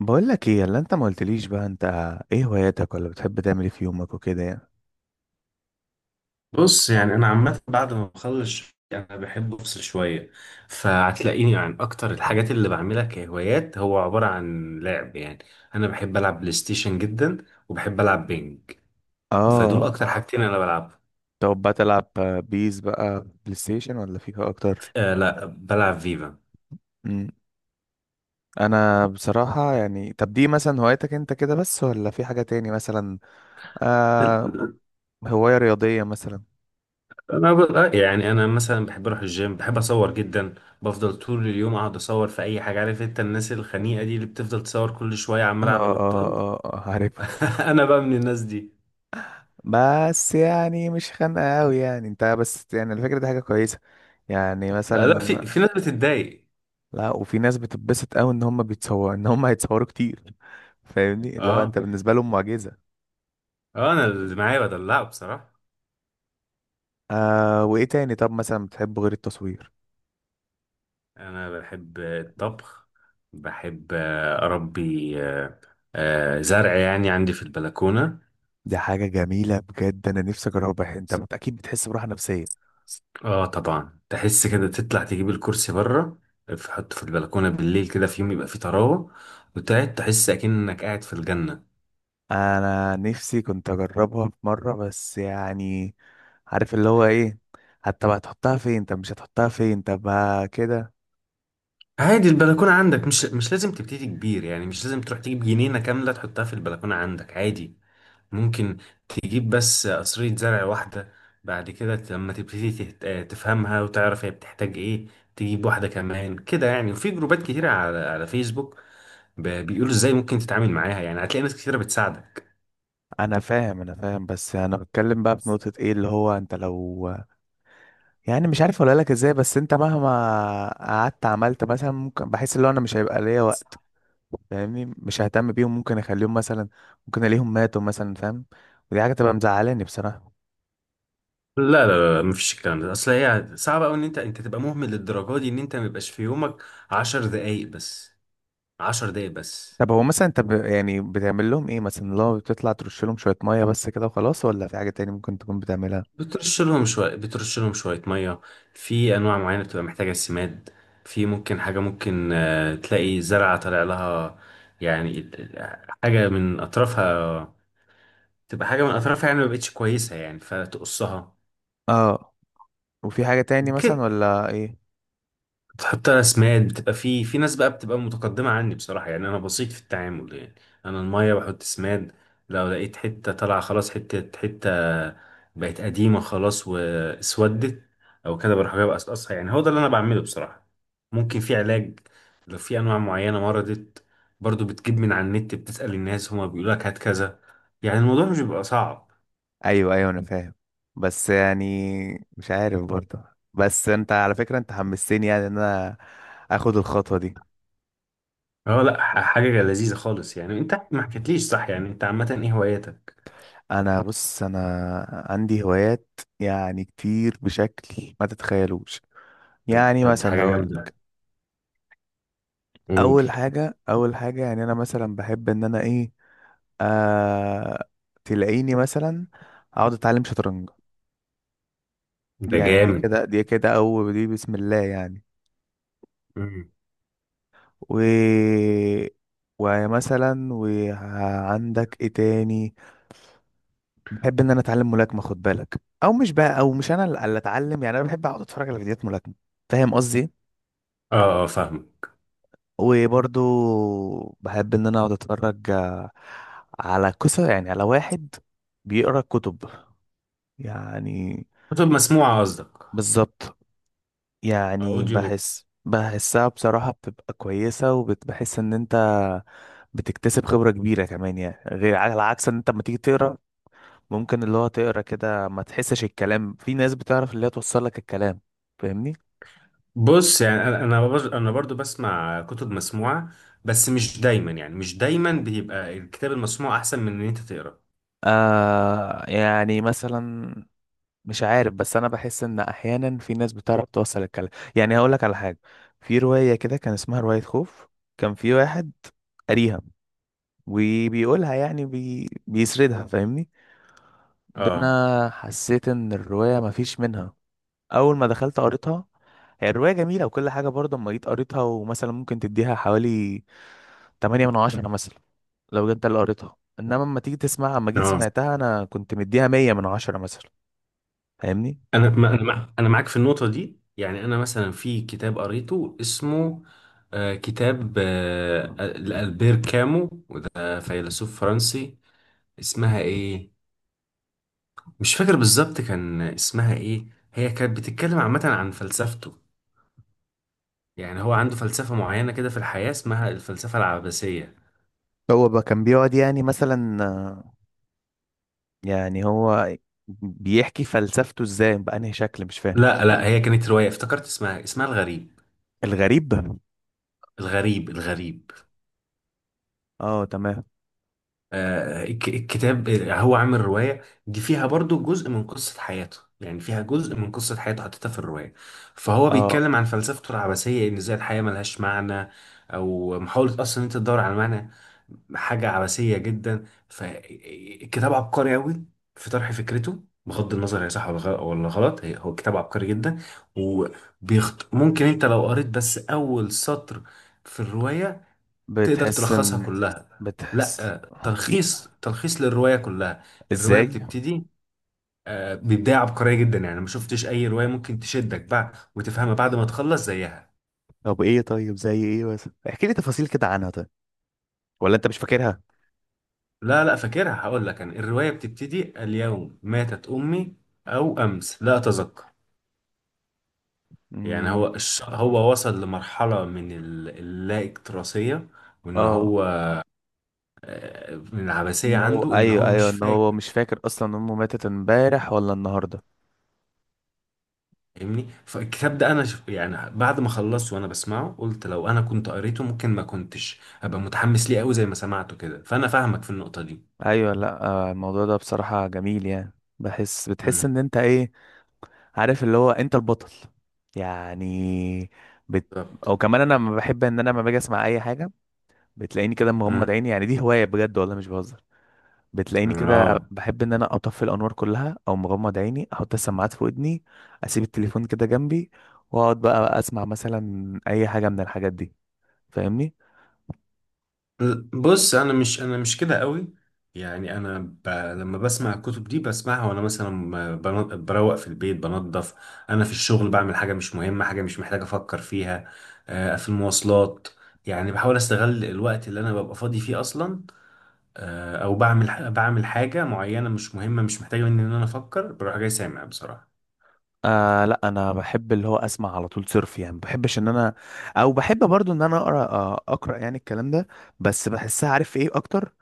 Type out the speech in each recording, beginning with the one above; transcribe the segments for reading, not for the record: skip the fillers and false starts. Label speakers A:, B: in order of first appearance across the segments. A: بقول لك ايه اللي انت ما قلتليش بقى. انت ايه هواياتك، ولا بتحب تعمل ايه في يومك وكده يعني؟
B: بص، يعني انا عامه بعد ما بخلص شغل انا بحب افصل شويه. فهتلاقيني، يعني اكتر الحاجات اللي بعملها كهوايات هو عباره عن لعب، يعني انا بحب العب بلاي ستيشن جدا، وبحب العب بينج. فدول
A: اه.
B: اكتر حاجتين انا بلعب.
A: طب بقى تلعب بيس بقى بلاي ستيشن ولا فيفا اكتر؟
B: آه، لا بلعب فيفا.
A: امم انا بصراحة يعني. طب دي مثلا هوايتك انت كده بس ولا في حاجة تاني مثلا؟ آه. هواية رياضية مثلا؟
B: انا ب- آه، يعني انا مثلا بحب اروح الجيم، بحب اصور جدا. بفضل طول اليوم اقعد اصور في اي حاجه، عارف انت الناس الخنيقه دي اللي بتفضل تصور كل شويه
A: اه
B: عماله على
A: اه
B: بطال؟
A: اه، عارفه.
B: انا بقى من الناس دي.
A: بس يعني مش خانقة قوي يعني انت، بس يعني الفكرة دي حاجة كويسة، يعني
B: آه،
A: مثلا.
B: لا، في ناس بتتضايق.
A: لا، وفي ناس بتتبسط قوي ان هم بيتصور ان هم هيتصوروا كتير. فاهمني اللي هو
B: اه،
A: انت بالنسبه لهم معجزه.
B: اه، انا اللي معايا بدلعه بصراحه.
A: آه. وايه تاني طب مثلا بتحبه غير التصوير؟
B: انا بحب الطبخ. بحب اربي زرع، يعني عندي في البلكونه.
A: دي حاجه جميله بجد، انا نفسي اجربها. اكيد بتحس براحه نفسيه.
B: اه، طبعا تحس كده، تطلع تجيب الكرسي بره، تحطه في البلكونه بالليل كده في يوم يبقى فيه طراوه، وتقعد تحس اكنك قاعد في الجنه.
A: انا نفسي كنت اجربها في مره بس يعني، عارف اللي هو ايه، حتى بقى تحطها فين؟ طب مش هتحطها فين؟ طب ما كده.
B: عادي البلكونه عندك، مش لازم تبتدي كبير، يعني مش لازم تروح تجيب جنينه كامله تحطها في البلكونه عندك، عادي. ممكن تجيب بس قصرية زرع واحدة. بعد كده لما تبتدي تفهمها وتعرف هي بتحتاج ايه، تجيب واحدة كمان كده، يعني. وفي جروبات كتيرة على فيسبوك، بيقولوا ازاي ممكن تتعامل معاها، يعني هتلاقي ناس كتيرة بتساعدك.
A: انا فاهم انا فاهم، بس انا بتكلم بقى في نقطه، ايه اللي هو انت لو، يعني مش عارف اقول لك ازاي، بس انت مهما قعدت عملت مثلا، ممكن بحس اللي هو انا مش هيبقى ليا وقت، فاهمني؟ مش ههتم بيهم، ممكن اخليهم مثلا، ممكن الاقيهم ماتوا مثلا، فاهم؟ ودي حاجه تبقى مزعلاني بصراحه.
B: لا، لا، لا، لا، مفيش الكلام ده، اصل هي صعب قوي ان انت تبقى مهمل للدرجة دي، ان انت ميبقاش في يومك 10 دقايق بس. 10 دقايق بس.
A: طب هو مثلا انت ب... يعني بتعمل لهم ايه مثلا؟ لو بتطلع ترش لهم شويه ميه بس كده وخلاص، ولا في حاجه تاني ممكن تكون بتعملها؟
B: بترش لهم شوية مية. في أنواع معينة بتبقى محتاجة سماد. في، ممكن حاجة، ممكن تلاقي زرعة طالع لها، يعني حاجة من أطرافها، تبقى حاجة من أطرافها، يعني مبقتش كويسة، يعني فتقصها.
A: اه. وفي حاجه تاني مثلا ولا ايه؟
B: حتى رسمات بتبقى، في ناس بقى بتبقى متقدمة عني بصراحة، يعني أنا بسيط في التعامل، يعني أنا المية بحط سماد، لو لقيت حتة طالعة خلاص، حتة حتة بقت قديمة خلاص واسودت، أو كده بروح جايب أقصقصها، يعني هو ده اللي أنا بعمله بصراحة. ممكن في علاج لو في أنواع معينة مرضت، برضو بتجيب من على النت، بتسأل الناس هما بيقولوا لك هات كذا، يعني الموضوع مش بيبقى صعب.
A: ايوه ايوه انا فاهم. بس يعني مش عارف برضه. بس انت على فكره انت حمستني يعني ان انا اخد الخطوه دي.
B: اه، لا، حاجة لذيذة خالص. يعني انت ما حكيتليش، صح، يعني انت عامة ايه هواياتك؟
A: انا بص، انا عندي هوايات يعني كتير بشكل ما تتخيلوش.
B: طب
A: يعني
B: طب دي
A: مثلا
B: حاجة
A: هقول.
B: جامدة. قول.
A: اول حاجه اول حاجه يعني انا مثلا بحب ان انا ايه، آه تلاقيني مثلا اقعد اتعلم شطرنج. دي
B: ده
A: يعني دي
B: جامد.
A: كده، دي كده او دي بسم الله يعني.
B: مم.
A: و، ومثلا وعندك ايه تاني؟ بحب ان انا اتعلم ملاكمه، خد بالك، او مش بقى، او مش انا اللي اتعلم، يعني انا بحب اقعد اتفرج على فيديوهات ملاكمه، فاهم قصدي؟
B: اه، اه، فاهم.
A: وبرضو بحب ان انا اقعد اتفرج على قصة، يعني على واحد بيقرا كتب يعني.
B: كتب مسموعة قصدك.
A: بالظبط. يعني
B: اوديو بوك.
A: بحس بحسها بصراحة بتبقى كويسة، وبتحس ان انت بتكتسب خبرة كبيرة كمان، يعني غير، على عكس ان انت لما تيجي تقرا ممكن اللي هو تقرا كده ما تحسش الكلام. في ناس بتعرف اللي هي توصل لك الكلام، فاهمني؟
B: بص، يعني انا برضو بسمع كتب مسموعة، بس مش دايما، يعني مش دايما بيبقى الكتاب المسموع احسن من ان انت تقرا.
A: آه يعني مثلا. مش عارف، بس انا بحس ان احيانا في ناس بتعرف توصل الكلام. يعني هقول لك على حاجه. في روايه كده كان اسمها روايه خوف. كان في واحد قاريها وبيقولها، يعني بي... بيسردها، فاهمني؟ ده
B: اه.
A: انا حسيت ان الروايه مفيش منها. اول ما دخلت قريتها، هي الروايه جميله وكل حاجه برضه. اما جيت قريتها ومثلا ممكن تديها حوالي 8 من 10 مثلا، لو جيت ده اللي قريتها. انما اما تيجي تسمعها، اما جيت
B: اه،
A: سمعتها انا كنت مديها 100 من 10 مثلا، فاهمني؟
B: انا ما- انا مع- انا معاك في النقطة دي. يعني انا مثلا في كتاب قريته اسمه، كتاب لألبير كامو، وده فيلسوف فرنسي. اسمها ايه؟ مش فاكر بالظبط كان اسمها ايه. هي كانت بتتكلم عامة عن فلسفته، يعني هو عنده فلسفة معينة كده في الحياة، اسمها الفلسفة العباسية.
A: هو بقى كان بيقعد يعني مثلا يعني هو بيحكي فلسفته ازاي بأنهي شكل، مش فاهم.
B: لا، لا، هي كانت رواية، افتكرت اسمها الغريب.
A: الغريب.
B: الغريب، الغريب.
A: اه تمام.
B: آه، الكتاب هو عامل رواية دي فيها برضو جزء من قصة حياته، يعني فيها جزء من قصة حياته حطيتها في الرواية، فهو
A: اه.
B: بيتكلم عن فلسفته العباسية ان ازاي الحياة ملهاش معنى، او محاولة اصلا إن انت تدور على معنى، حاجة عبثية جدا. فالكتاب عبقري قوي في طرح فكرته، بغض النظر هي صح ولا غلط. هو كتاب عبقري جدا. ممكن انت لو قريت بس اول سطر في الرواية تقدر
A: بتحس
B: تلخصها
A: ان،
B: كلها.
A: بتحس
B: لا،
A: ي-
B: تلخيص للرواية كلها. الرواية
A: ازاي؟
B: بتبتدي ببداية عبقرية جدا، يعني ما شفتش اي رواية ممكن تشدك بقى وتفهمها بعد ما تخلص زيها.
A: طب ايه؟ طيب زي ايه بس؟ احكي لي تفاصيل كده عنها طيب، ولا انت مش فاكرها؟
B: لا، لا، فاكرها، هقول لك. انا الروايه بتبتدي: اليوم ماتت امي، او امس لا اتذكر. يعني
A: امم.
B: هو وصل لمرحله من اللا اكتراثيه، وان
A: اه،
B: هو من العبثيه
A: ان هو
B: عنده ان
A: ايوه
B: هو
A: ايوه
B: مش
A: ان هو
B: فاكر.
A: مش فاكر اصلا امه ماتت امبارح ولا النهارده.
B: فاهمني؟ فالكتاب ده انا يعني بعد ما خلصته وانا بسمعه قلت لو انا كنت قريته ممكن ما كنتش ابقى متحمس ليه قوي زي ما سمعته كده، فانا فاهمك في النقطه دي.
A: ايوه، لا، الموضوع ده بصراحة جميل. يعني بحس، بتحس
B: امم.
A: ان انت ايه، عارف اللي هو انت البطل، يعني بت...
B: بالظبط.
A: او كمان انا ما بحب ان انا لما باجي اسمع اي حاجه، بتلاقيني كده مغمض
B: امم.
A: عيني. يعني دي هوايه بجد والله مش بهزر. بتلاقيني كده
B: اه.
A: بحب ان انا اطفي الانوار كلها، او مغمض عيني احط السماعات في ودني، اسيب التليفون كده جنبي، واقعد بقى اسمع مثلا اي حاجه من الحاجات دي، فاهمني؟
B: بص، انا مش كده قوي، يعني لما بسمع الكتب دي بسمعها، وانا مثلا بروق في البيت، بنظف، انا في الشغل بعمل حاجه مش مهمه، حاجه مش محتاج افكر فيها، في المواصلات. يعني بحاول استغل الوقت اللي انا ببقى فاضي فيه اصلا، او بعمل حاجه معينه مش مهمه، مش محتاجه مني ان انا افكر، بروح جاي سامع بصراحه.
A: آه لا انا بحب اللي هو اسمع على طول صرف، يعني ما بحبش ان انا، او بحب برضو ان انا اقرا، اقرا يعني الكلام ده. بس بحسها عارف ايه اكتر؟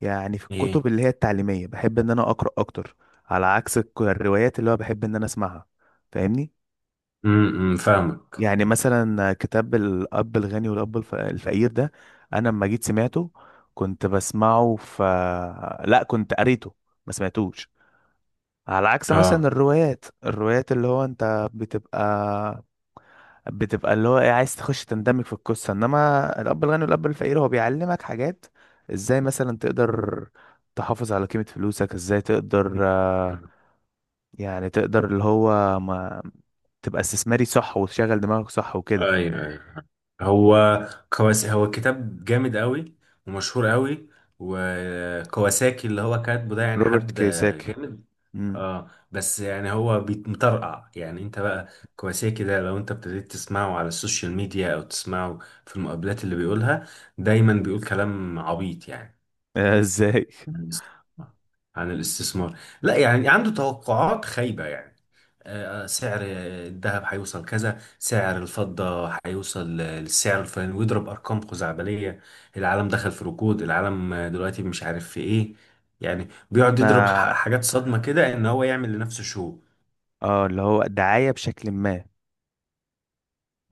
A: يعني في الكتب
B: ايه.
A: اللي هي التعليميه بحب ان انا اقرا اكتر، على عكس الروايات اللي هو بحب ان انا اسمعها، فاهمني؟
B: امم، فاهمك.
A: يعني مثلا كتاب الاب الغني والاب الفقير ده، انا لما جيت سمعته كنت بسمعه، ف، لا كنت قريته، ما سمعتوش، على عكس مثلا
B: اه.
A: الروايات. الروايات اللي هو انت بتبقى، بتبقى اللي هو ايه، عايز تخش تندمج في القصة، انما الاب الغني والاب الفقير هو بيعلمك حاجات. ازاي مثلا تقدر تحافظ على قيمة فلوسك؟ ازاي تقدر
B: آه.
A: يعني تقدر اللي هو ما تبقى استثماري صح، وتشغل دماغك صح وكده.
B: ايوه، ايوه. هو هو كتاب جامد قوي، ومشهور قوي، وكواساكي اللي هو كاتبه ده يعني
A: روبرت
B: حد
A: كيوساكي.
B: جامد.
A: امم.
B: اه، بس يعني هو مطرقع، يعني انت بقى كواساكي ده لو انت ابتديت تسمعه على السوشيال ميديا، او تسمعه في المقابلات اللي بيقولها، دايما بيقول كلام عبيط، يعني
A: ازاي؟
B: عن الاست- عن الاستثمار. لا يعني عنده توقعات خايبة، يعني سعر الذهب هيوصل كذا، سعر الفضة هيوصل للسعر الفلاني، ويضرب أرقام خزعبلية، العالم دخل في ركود، العالم دلوقتي مش عارف في إيه، يعني بيقعد يضرب
A: انا.
B: حاجات صدمة كده، إن هو يعمل لنفسه شو.
A: اه اللي هو دعاية بشكل ما.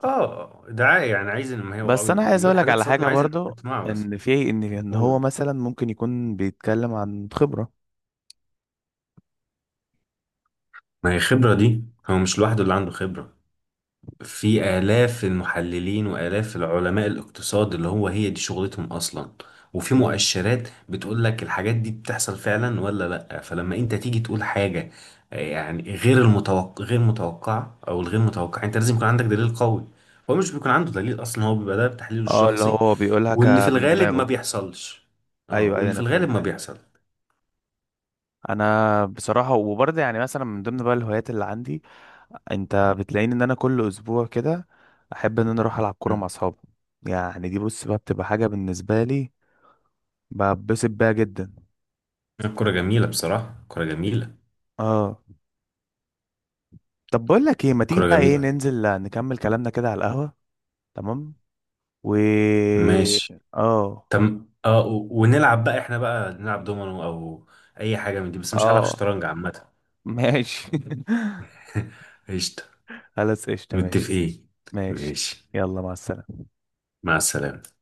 B: آه، دعاية، يعني عايز، إن ما هي هو
A: بس انا عايز
B: بيقول
A: اقولك
B: حاجات
A: على
B: صدمة
A: حاجة
B: عايز الناس
A: برضو،
B: تسمعها بس.
A: ان في، ان ان هو
B: قول.
A: مثلا ممكن يكون بيتكلم عن خبرة.
B: ما هي خبرة دي، هو مش لوحده اللي عنده خبرة، في آلاف المحللين وآلاف العلماء الاقتصاد اللي هو هي دي شغلتهم أصلا، وفي مؤشرات بتقول لك الحاجات دي بتحصل فعلا ولا لأ. فلما أنت تيجي تقول حاجة يعني غير المتوقع، غير متوقعة، أو الغير متوقع، أنت لازم يكون عندك دليل قوي. هو مش بيكون عنده دليل أصلا، هو بيبقى ده بتحليله
A: اه اللي
B: الشخصي،
A: هو بيقولها ك،
B: واللي في
A: من
B: الغالب ما
A: دماغه.
B: بيحصلش. اه،
A: ايوه ايوه
B: واللي في
A: انا
B: الغالب
A: فاهم.
B: ما بيحصل.
A: انا بصراحه وبرضه يعني مثلا من ضمن بقى الهوايات اللي عندي، انت بتلاقيني ان انا كل اسبوع كده احب ان انا اروح العب كوره مع
B: مم.
A: اصحابي. يعني دي، بص بقى، بتبقى حاجه بالنسبه لي ببسط بيها جدا.
B: الكرة جميلة بصراحة، كرة جميلة.
A: اه. طب بقول لك ايه، ما تيجي
B: كرة
A: بقى ايه
B: جميلة.
A: ننزل نكمل كلامنا كده على القهوه؟ تمام. و،
B: ماشي.
A: اه.
B: تم. اه، ونلعب بقى، احنا بقى نلعب دومينو او اي حاجه من دي، بس مش هلعب
A: اه
B: شطرنج عامه.
A: ماشي.
B: قشطه.
A: خلاص قشطه، ماشي.
B: متفقين.
A: ماشي.
B: ماشي.
A: يلا، مع السلامه.
B: مع السلامه.